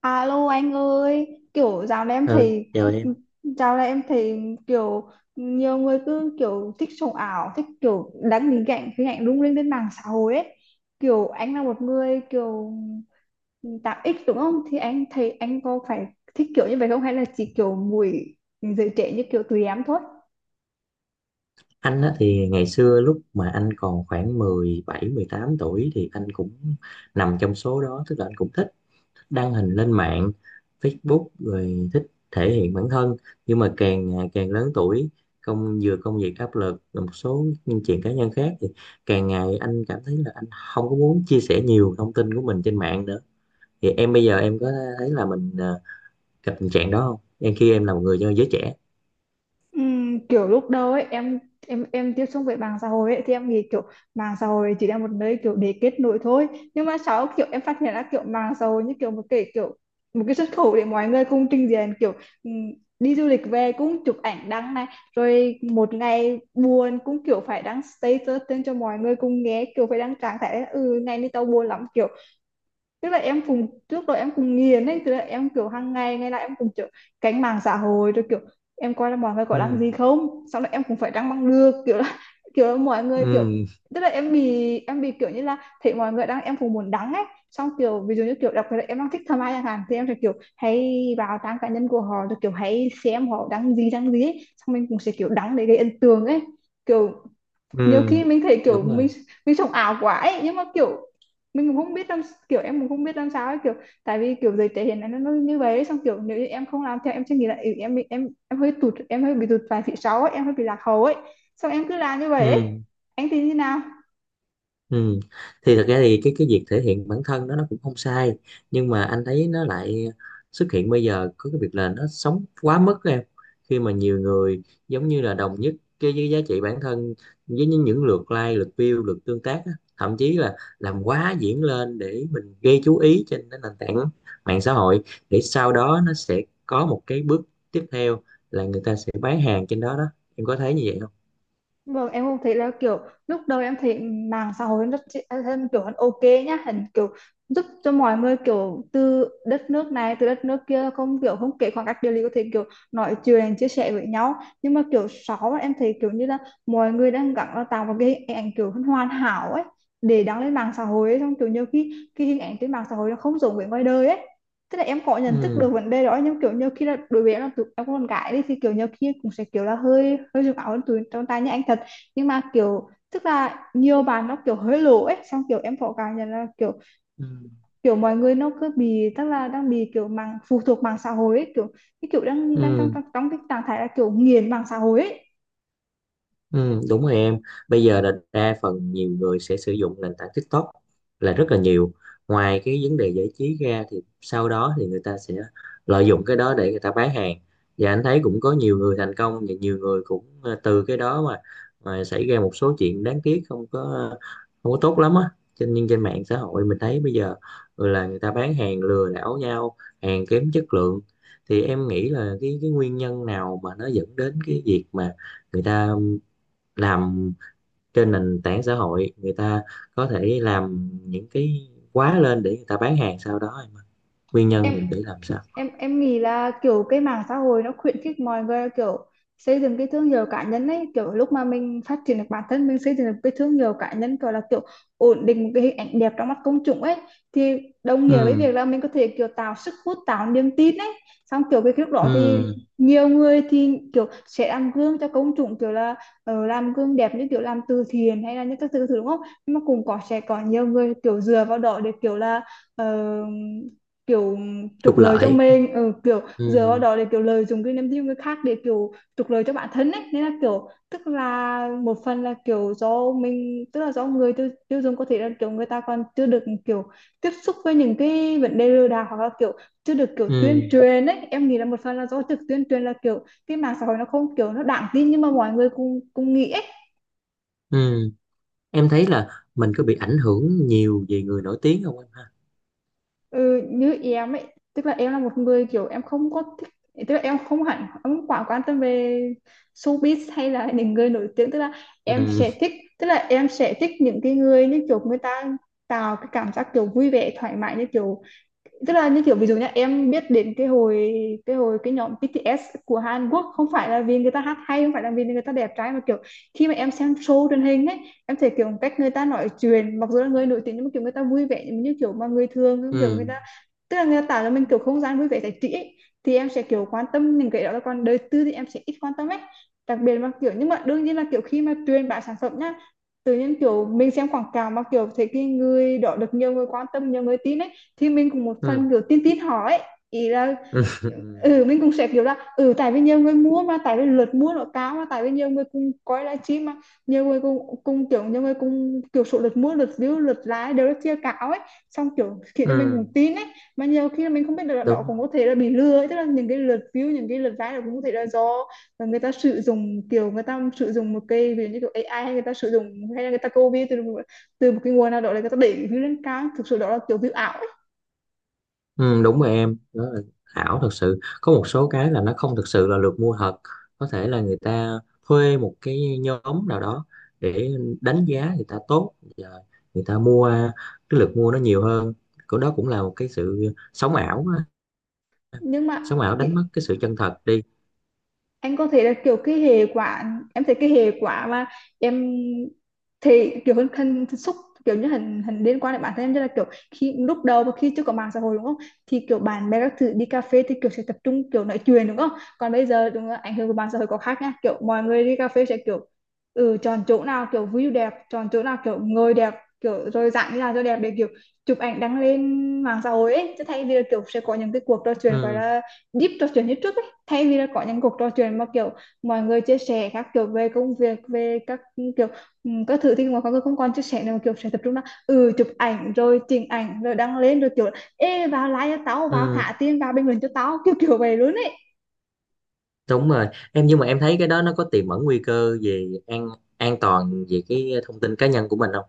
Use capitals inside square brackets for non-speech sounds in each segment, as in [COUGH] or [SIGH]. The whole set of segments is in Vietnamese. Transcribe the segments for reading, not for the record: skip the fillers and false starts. À, alo anh ơi, kiểu dạo này em Ừ, thấy chào em. dạo này em thấy kiểu nhiều người cứ kiểu thích sống ảo, thích kiểu đăng hình ảnh lung linh lên mạng xã hội ấy. Kiểu anh là một người kiểu tạo ích, đúng không? Thì anh thấy anh có phải thích kiểu như vậy không, hay là chỉ kiểu mùi giới trẻ như kiểu tụi em thôi? Anh á, thì ngày xưa lúc mà anh còn khoảng 17, 18 tuổi thì anh cũng nằm trong số đó, tức là anh cũng thích đăng hình lên mạng, Facebook rồi thích thể hiện bản thân. Nhưng mà càng ngày càng lớn tuổi, công việc áp lực và một số những chuyện cá nhân khác thì càng ngày anh cảm thấy là anh không có muốn chia sẻ nhiều thông tin của mình trên mạng nữa. Thì em bây giờ em có thấy là mình gặp tình trạng đó không? Khi em là một người do giới trẻ. Kiểu lúc đầu ấy em tiếp xúc với mạng xã hội ấy thì em nghĩ kiểu mạng xã hội chỉ là một nơi kiểu để kết nối thôi, nhưng mà sau kiểu em phát hiện ra kiểu mạng xã hội như kiểu một cái xuất khẩu để mọi người cùng trình diện kiểu, ừm, đi du lịch về cũng chụp ảnh đăng này, rồi một ngày buồn cũng kiểu phải đăng status lên cho mọi người cùng nghe, kiểu phải đăng trạng thái là, ừ, ngày nay tao buồn lắm. Kiểu tức là em cùng trước đó em cùng nghiền ấy, tức là em kiểu hàng ngày, ngày nào em cùng kiểu cánh mạng xã hội, rồi kiểu em coi là mọi người có đăng Ừ. gì không, xong là em cũng phải đăng bằng được, kiểu là [LAUGHS] kiểu là mọi người kiểu, Ừ. tức là em bị kiểu như là thấy mọi người đăng em cũng muốn đăng ấy. Xong kiểu ví dụ như, kiểu đặc biệt là em đang thích thầm ai chẳng hạn thì em sẽ kiểu hay vào trang cá nhân của họ, rồi kiểu hãy xem họ đăng gì, đăng gì ấy. Xong mình cũng sẽ kiểu đăng để gây ấn tượng ấy, kiểu nhiều Ừ, khi mình thấy kiểu đúng mình rồi. mình sống ảo quá ấy, nhưng mà kiểu mình cũng không biết làm, kiểu em cũng không biết làm sao ấy, kiểu tại vì kiểu giới trẻ hiện nay nó như vậy ấy. Xong kiểu nếu như em không làm theo em sẽ nghĩ là, ừ, em bị- em hơi tụt em hơi bị tụt vài phía sau ấy, em hơi bị lạc hậu ấy. Xong em cứ làm như vậy ấy. Ừ. Anh thì như nào? Ừ. Thì thật ra thì cái việc thể hiện bản thân đó nó cũng không sai nhưng mà anh thấy nó lại xuất hiện bây giờ có cái việc là nó sống quá mức em, khi mà nhiều người giống như là đồng nhất cái với giá trị bản thân với những lượt like lượt view lượt tương tác á. Thậm chí là làm quá diễn lên để mình gây chú ý trên cái nền tảng mạng xã hội để sau đó nó sẽ có một cái bước tiếp theo là người ta sẽ bán hàng trên đó đó, em có thấy như vậy không? Vâng, em cũng thấy là kiểu lúc đầu em thấy mạng xã hội rất, em kiểu hắn ok nhá, hẳn kiểu giúp cho mọi người kiểu từ đất nước này, từ đất nước kia, không kể khoảng cách địa lý, có thể kiểu nói chuyện chia sẻ với nhau. Nhưng mà kiểu sáu em thấy kiểu như là mọi người đang gắng là tạo một cái hình ảnh kiểu hắn hoàn hảo ấy để đăng lên mạng xã hội ấy. Xong kiểu nhiều khi cái hình ảnh trên mạng xã hội nó không giống với ngoài đời ấy. Tức là em có nhận thức Ừ. được vấn đề đó, nhưng kiểu nhiều khi là đối với em, là tụi em con gái đi thì kiểu nhiều khi cũng sẽ kiểu là hơi hơi dùng áo hơn tụi con trai như anh thật. Nhưng mà kiểu tức là nhiều bạn nó kiểu hơi lố ấy. Xong kiểu em có cảm nhận là, kiểu Ừ. kiểu mọi người nó cứ bị, tức là đang bị kiểu phụ thuộc mạng xã hội ấy, kiểu cái kiểu đang đang trong Ừ. trong trong cái trạng thái là kiểu nghiền mạng xã hội ấy. Ừ, đúng rồi em. Bây giờ là đa phần nhiều người sẽ sử dụng nền tảng TikTok là rất là nhiều. Ngoài cái vấn đề giải trí ra thì sau đó thì người ta sẽ lợi dụng cái đó để người ta bán hàng. Và anh thấy cũng có nhiều người thành công và nhiều người cũng từ cái đó mà xảy ra một số chuyện đáng tiếc không có tốt lắm á. Nhưng trên mạng xã hội mình thấy bây giờ ừ, là người ta bán hàng lừa đảo nhau, hàng kém chất lượng. Thì em nghĩ là cái nguyên nhân nào mà nó dẫn đến cái việc mà người ta làm trên nền tảng xã hội, người ta có thể làm những cái quá lên để người ta bán hàng sau đó, nguyên nhân em mình để làm sao. em em nghĩ là kiểu cái mạng xã hội nó khuyến khích mọi người kiểu xây dựng cái thương hiệu cá nhân ấy, kiểu lúc mà mình phát triển được bản thân, mình xây dựng được cái thương hiệu cá nhân, kiểu là kiểu ổn định một cái hình ảnh đẹp trong mắt công chúng ấy, thì đồng nghĩa với Ừ. việc là mình có thể kiểu tạo sức hút, tạo niềm tin ấy. Xong kiểu cái lúc đó thì ừ. Ừ. Nhiều người thì kiểu sẽ làm gương cho công chúng, kiểu là ờ, làm gương đẹp như kiểu làm từ thiện hay là những các thứ thứ, đúng không? Nhưng mà cũng có sẽ có nhiều người kiểu dựa vào đó để kiểu là ờ, kiểu trục Trục lợi cho lợi. mình, ừ, kiểu Ừ. dựa vào đó để kiểu lợi dụng cái niềm tin của người khác để kiểu trục lợi cho bản thân ấy. Nên là kiểu tức là một phần là kiểu do mình, tức là do người tiêu dùng, có thể là kiểu người ta còn chưa được kiểu tiếp xúc với những cái vấn đề lừa đảo, hoặc là kiểu chưa được kiểu tuyên Ừ. truyền ấy. Em nghĩ là một phần là do trực tuyên truyền, là kiểu cái mạng xã hội nó không kiểu nó đáng tin, nhưng mà mọi người cũng cũng nghĩ ấy. Ừ. Em thấy là mình có bị ảnh hưởng nhiều về người nổi tiếng không em ha? Ừ, như em ấy, tức là em là một người kiểu em không có thích, tức là em không hẳn, em không quá quan tâm về showbiz hay là những người nổi tiếng, tức là em Ừ. sẽ thích, những cái người như kiểu người ta tạo cái cảm giác kiểu vui vẻ thoải mái, như kiểu tức là như kiểu ví dụ nhá, em biết đến cái hồi, cái nhóm BTS của Hàn Quốc không phải là vì người ta hát hay, không phải là vì người ta đẹp trai, mà kiểu khi mà em xem show truyền hình ấy em thấy kiểu cách người ta nói chuyện, mặc dù là người nổi tiếng nhưng mà kiểu người ta vui vẻ như kiểu mà người thường, kiểu người Ừ. ta, tức là người ta tạo cho mình kiểu không gian vui vẻ giải trí ấy. Thì em sẽ kiểu quan tâm những cái đó, còn đời tư thì em sẽ ít quan tâm ấy, đặc biệt là kiểu. Nhưng mà đương nhiên là kiểu khi mà truyền bá sản phẩm nhá, tự nhiên kiểu mình xem quảng cáo mà kiểu thấy cái người đó được nhiều người quan tâm, nhiều người tin ấy, thì mình cũng một Ừ. phần kiểu tin tin họ ấy. Ý là, Ừ. Ừ. ừ mình cũng sẽ kiểu là, ừ tại vì nhiều người mua mà, tại vì lượt mua nó cao mà, tại vì nhiều người cùng coi livestream mà nhiều người cùng kiểu số lượt mua, lượt view, lượt like đều rất chia cao ấy, xong kiểu khiến cho mình Ừ. cũng tin ấy. Mà nhiều khi là mình không biết được là đó Đúng. cũng có thể là bị lừa ấy, tức là những cái lượt view, những cái lượt like cũng có thể là do người ta sử dụng, kiểu người ta sử dụng một cái ví dụ như kiểu AI, hay người ta sử dụng, hay là người ta copy từ từ một cái nguồn nào đó để người ta đẩy view lên cao, thực sự đó là kiểu view ảo. Ừ, đúng rồi em, đó là ảo thật sự, có một số cái là nó không thực sự là được mua thật, có thể là người ta thuê một cái nhóm nào đó để đánh giá người ta tốt và người ta mua cái lượt mua nó nhiều hơn, của đó cũng là một cái sự sống ảo á. nhưng mà Sống ảo ki- đánh mất cái sự chân thật đi. anh có thể là kiểu cái hệ quả, em thấy cái hệ quả mà em thì kiểu hình xúc, kiểu như hình hình liên quan đến bản thân em, như là kiểu, khi lúc đầu và khi chưa có mạng xã hội đúng không, thì kiểu bạn bè các thứ đi cà phê thì kiểu sẽ tập trung kiểu nói chuyện, đúng không? Còn bây giờ đúng là ảnh hưởng của mạng xã hội có khác nha, kiểu mọi người đi cà phê sẽ kiểu, ừ chọn chỗ nào kiểu view đẹp, chọn chỗ nào kiểu ngồi đẹp, kiểu rồi dạng như là cho đẹp để kiểu chụp ảnh đăng lên mạng xã hội ấy, chứ thay vì là kiểu sẽ có những cái cuộc trò chuyện gọi Ừ. là deep, trò chuyện như trước, thay vì là có những cuộc trò chuyện mà kiểu mọi người chia sẻ các kiểu về công việc, về các kiểu các thứ, thì mà mọi người không còn chia sẻ nữa, kiểu sẽ tập trung là, ừ chụp ảnh rồi chỉnh ảnh rồi đăng lên, rồi kiểu ê vào like cho tao, vào Ừ, thả tiền, vào bình luận cho tao, kiểu kiểu vậy luôn ấy. đúng rồi em, nhưng mà em thấy cái đó nó có tiềm ẩn nguy cơ về an toàn về cái thông tin cá nhân của mình không?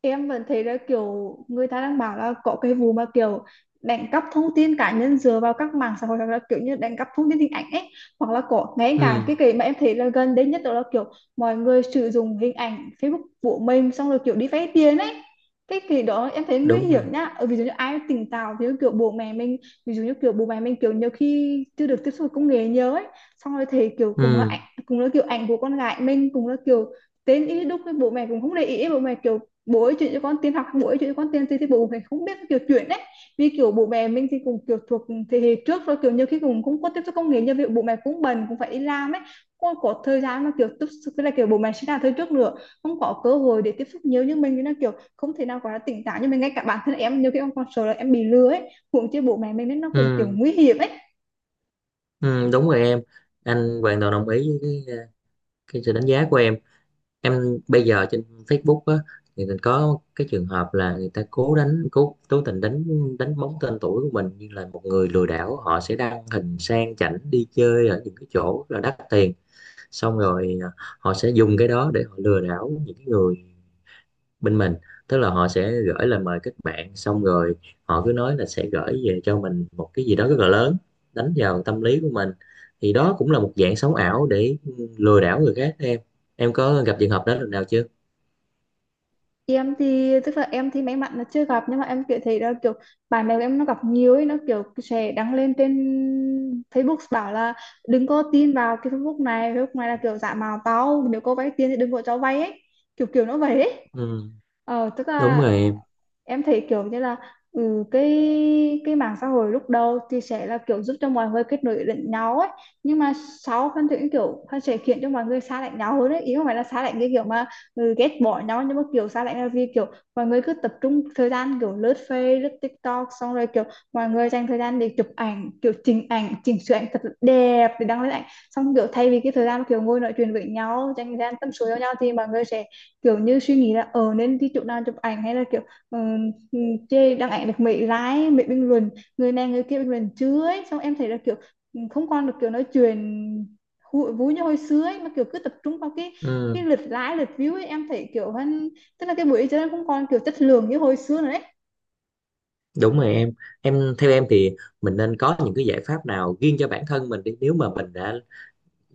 Em vẫn thấy là kiểu người ta đang bảo là có cái vụ mà kiểu đánh cắp thông tin cá nhân dựa vào các mạng xã hội, hoặc là kiểu như đánh cắp thông tin hình ảnh ấy, hoặc là có ngay cả Ừ, cái mà em thấy là gần đây nhất đó là kiểu mọi người sử dụng hình ảnh Facebook của mình xong rồi kiểu đi vay tiền ấy. Cái kỳ đó em thấy nguy đúng rồi. hiểm nhá. Ờ, ví dụ như ai tỉnh táo thì kiểu bố mẹ mình, ví dụ như kiểu bố mẹ mình kiểu nhiều khi chưa được tiếp xúc với công nghệ nhiều ấy, xong rồi thì kiểu cùng là Ừ. ảnh, cùng là kiểu ảnh của con gái mình, cùng là kiểu tên ý đúc với bố mẹ cũng không để ý, bố mẹ kiểu Bố ấy chuyển cho con tiền học, bố ấy chuyển cho con tiền thì bố phải không biết kiểu chuyển đấy. Vì kiểu bố mẹ mình thì cũng kiểu thuộc thế hệ trước rồi, kiểu nhiều khi cũng không có tiếp xúc công nghệ như vậy, bố mẹ cũng bần cũng phải đi làm ấy, không có thời gian mà kiểu tiếp xúc, tức là kiểu bố mẹ sinh ra thời trước nữa, không có cơ hội để tiếp xúc nhiều như mình, nên là kiểu không thể nào gọi tỉnh táo. Nhưng mà ngay cả bản thân em nhiều khi em còn sợ là em bị lừa ấy, huống chi bố mẹ mình, nên nó cũng kiểu Ừ. nguy hiểm ấy. Ừ, đúng rồi em, anh hoàn toàn đồng ý với cái, ờ, cái sự đánh giá của em. Em bây giờ trên Facebook á thì mình có cái trường hợp là người ta cố cố tình đánh đánh bóng tên tuổi của mình như là một người lừa đảo, họ sẽ đăng hình sang chảnh đi chơi ở những cái chỗ là đắt tiền, xong rồi à, họ sẽ dùng cái đó để họ lừa đảo những cái người bên mình, tức là họ sẽ gửi lời mời kết bạn xong rồi họ cứ nói là sẽ gửi về cho mình một cái gì đó rất là lớn, đánh vào tâm lý của mình, thì đó cũng là một dạng sống ảo để lừa đảo người khác đó em. Em có gặp trường hợp đó lần nào chưa? Em tức là em thì may mắn là chưa gặp, nhưng mà em kiểu thấy là kiểu bạn bè của em nó gặp nhiều ấy. Nó kiểu sẽ đăng lên trên Facebook bảo là đừng có tin vào cái Facebook này, Facebook này là kiểu giả mạo tao, nếu có vay tiền thì đừng có cho vay ấy, kiểu kiểu nó vậy ấy. Ừ, Tức đúng rồi là em. em thấy kiểu như là, cái mạng xã hội lúc đầu thì sẽ là kiểu giúp cho mọi người kết nối lẫn nhau ấy, nhưng mà sau Phan Thủy kiểu Phan sẽ khiến cho mọi người xa lạnh nhau hơn ấy. Ý không phải là xa lạnh cái kiểu mà, ghét bỏ nhau, nhưng mà kiểu xa lạnh là vì kiểu mọi người cứ tập trung thời gian kiểu lướt Facebook, lướt TikTok. Xong rồi kiểu mọi người dành thời gian để chụp ảnh, kiểu chỉnh ảnh, chỉnh sửa ảnh thật là đẹp để đăng lên ảnh. Xong kiểu thay vì cái thời gian kiểu ngồi nói chuyện với nhau, dành thời gian tâm sự với nhau, thì mọi người sẽ kiểu như suy nghĩ là ờ nên đi chỗ nào chụp ảnh, hay là ờ, ừ, chê đăng ảnh được mấy lái, mấy bình luận, người này người kia bình luận chứa ấy. Xong em thấy là kiểu không còn được kiểu nói chuyện vui như hồi xưa ấy, mà kiểu cứ tập trung vào cái Ừ, cái lượt like, lượt view ấy. Em thấy kiểu hơn, tức là cái buổi chơi nó không còn kiểu chất lượng như hồi xưa nữa đấy. đúng rồi em. Theo em thì mình nên có những cái giải pháp nào riêng cho bản thân mình đi, nếu mà mình đã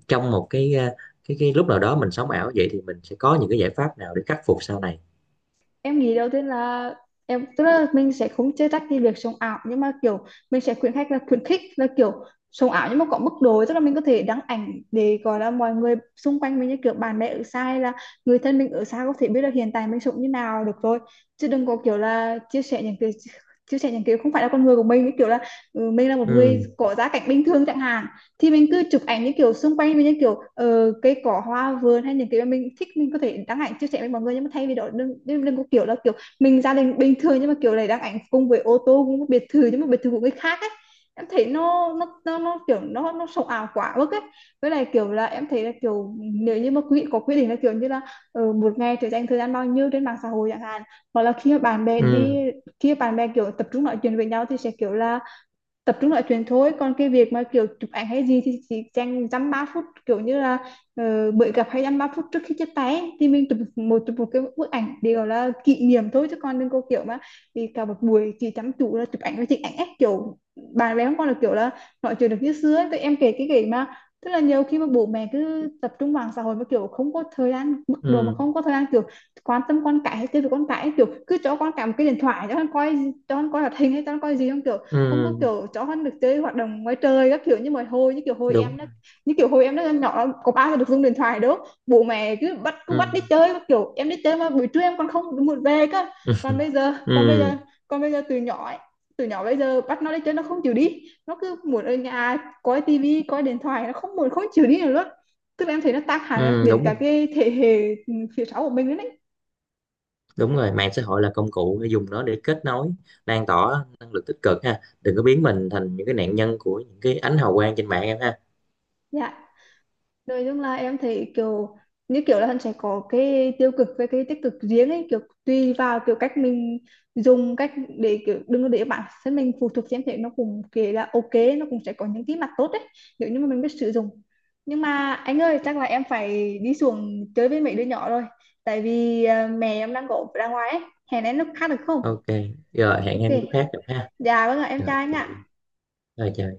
trong một cái lúc nào đó mình sống ảo vậy thì mình sẽ có những cái giải pháp nào để khắc phục sau này. Em nghĩ đầu tiên là tức là mình sẽ không chê trách cái việc sống ảo, nhưng mà kiểu mình sẽ khuyến khích là kiểu sống ảo nhưng mà có mức độ, tức là mình có thể đăng ảnh để gọi là mọi người xung quanh mình như kiểu bạn bè ở xa hay là người thân mình ở xa có thể biết là hiện tại mình sống như nào được rồi, chứ đừng có kiểu là chia sẻ những cái không phải là con người của mình, như kiểu là mình là một người Ừ. có gia cảnh bình thường chẳng hạn, thì mình cứ chụp ảnh những kiểu xung quanh mình, những kiểu cây cỏ, hoa vườn, hay những cái mà mình thích, mình có thể đăng ảnh chia sẻ với mọi người. Nhưng mà thay vì đó đừng, đừng có kiểu là kiểu mình gia đình bình thường nhưng mà kiểu này đăng ảnh cùng với ô tô cũng biệt thự, nhưng mà biệt thự của người khác ấy. Em thấy nó kiểu nó sống ảo quá mức ấy. Với lại kiểu là em thấy là kiểu nếu như mà quý vị có quy định là kiểu như là một ngày thì dành thời gian bao nhiêu trên mạng xã hội chẳng hạn, hoặc là khi mà bạn bè đi, Ừ. khi mà bạn bè kiểu tập trung nói chuyện với nhau thì sẽ kiểu là tập trung nói chuyện thôi, còn cái việc mà kiểu chụp ảnh hay gì thì chỉ dành dăm ba phút, kiểu như là bữa gặp hay dăm ba phút trước khi chia tay ấy, thì mình chụp một cái bức ảnh để gọi là kỷ niệm thôi, chứ còn đừng có kiểu mà thì cả một buổi chỉ chăm chú là chụp ảnh và chụp ảnh ấy, kiểu bạn bè không còn là kiểu là nói chuyện được như xưa ấy. Tụi em kể cái kể mà tức là nhiều khi mà bố mẹ cứ tập trung vào xã hội mà kiểu không có thời gian, mức độ mà Ừ. không có thời gian kiểu quan tâm con cái hay chơi với con cái ấy, kiểu cứ cho con cả một cái điện thoại cho con coi, cho con coi hoạt hình, hay cho con coi gì không, kiểu không có Ừ. kiểu cho con được chơi hoạt động ngoài trời các kiểu, như mà hồi như kiểu hồi Đúng. em đó, như kiểu hồi em đó nhỏ có bao giờ được dùng điện thoại đâu. Bố mẹ cứ bắt, Ừ. đi chơi các kiểu, em đi chơi mà buổi trưa em còn không muốn về cơ. Ừ. còn bây giờ Ừ. còn bây giờ còn bây giờ từ nhỏ ấy, từ nhỏ bây giờ bắt nó đi chơi nó không chịu đi, nó cứ muốn ở nhà coi tivi, coi điện thoại, nó không muốn, không chịu đi nữa luôn. Tức là em thấy nó tác hại Ừ, đến đúng cả rồi. cái thế hệ phía sau của mình nữa đấy. Đúng rồi, mạng xã hội là công cụ để dùng nó để kết nối, lan tỏa năng lực tích cực ha, đừng có biến mình thành những cái nạn nhân của những cái ánh hào quang trên mạng em ha. Dạ, nói chung là em thấy kiểu như kiểu là hắn sẽ có cái tiêu cực với cái tích cực riêng ấy, kiểu tùy vào kiểu cách mình dùng cách để kiểu đừng có để bản thân mình phụ thuộc, xem thế nó cũng kể là ok, nó cũng sẽ có những cái mặt tốt đấy nếu như mà mình biết sử dụng. Nhưng mà anh ơi, chắc là em phải đi xuống chơi với mấy đứa nhỏ rồi, tại vì mẹ em đang có ra ngoài ấy, hẹn em lúc khác được không? OK. Rồi hẹn Ok, em lúc khác gặp ha. dạ vâng ạ, em chào Rồi anh chào. ạ. Rồi chào.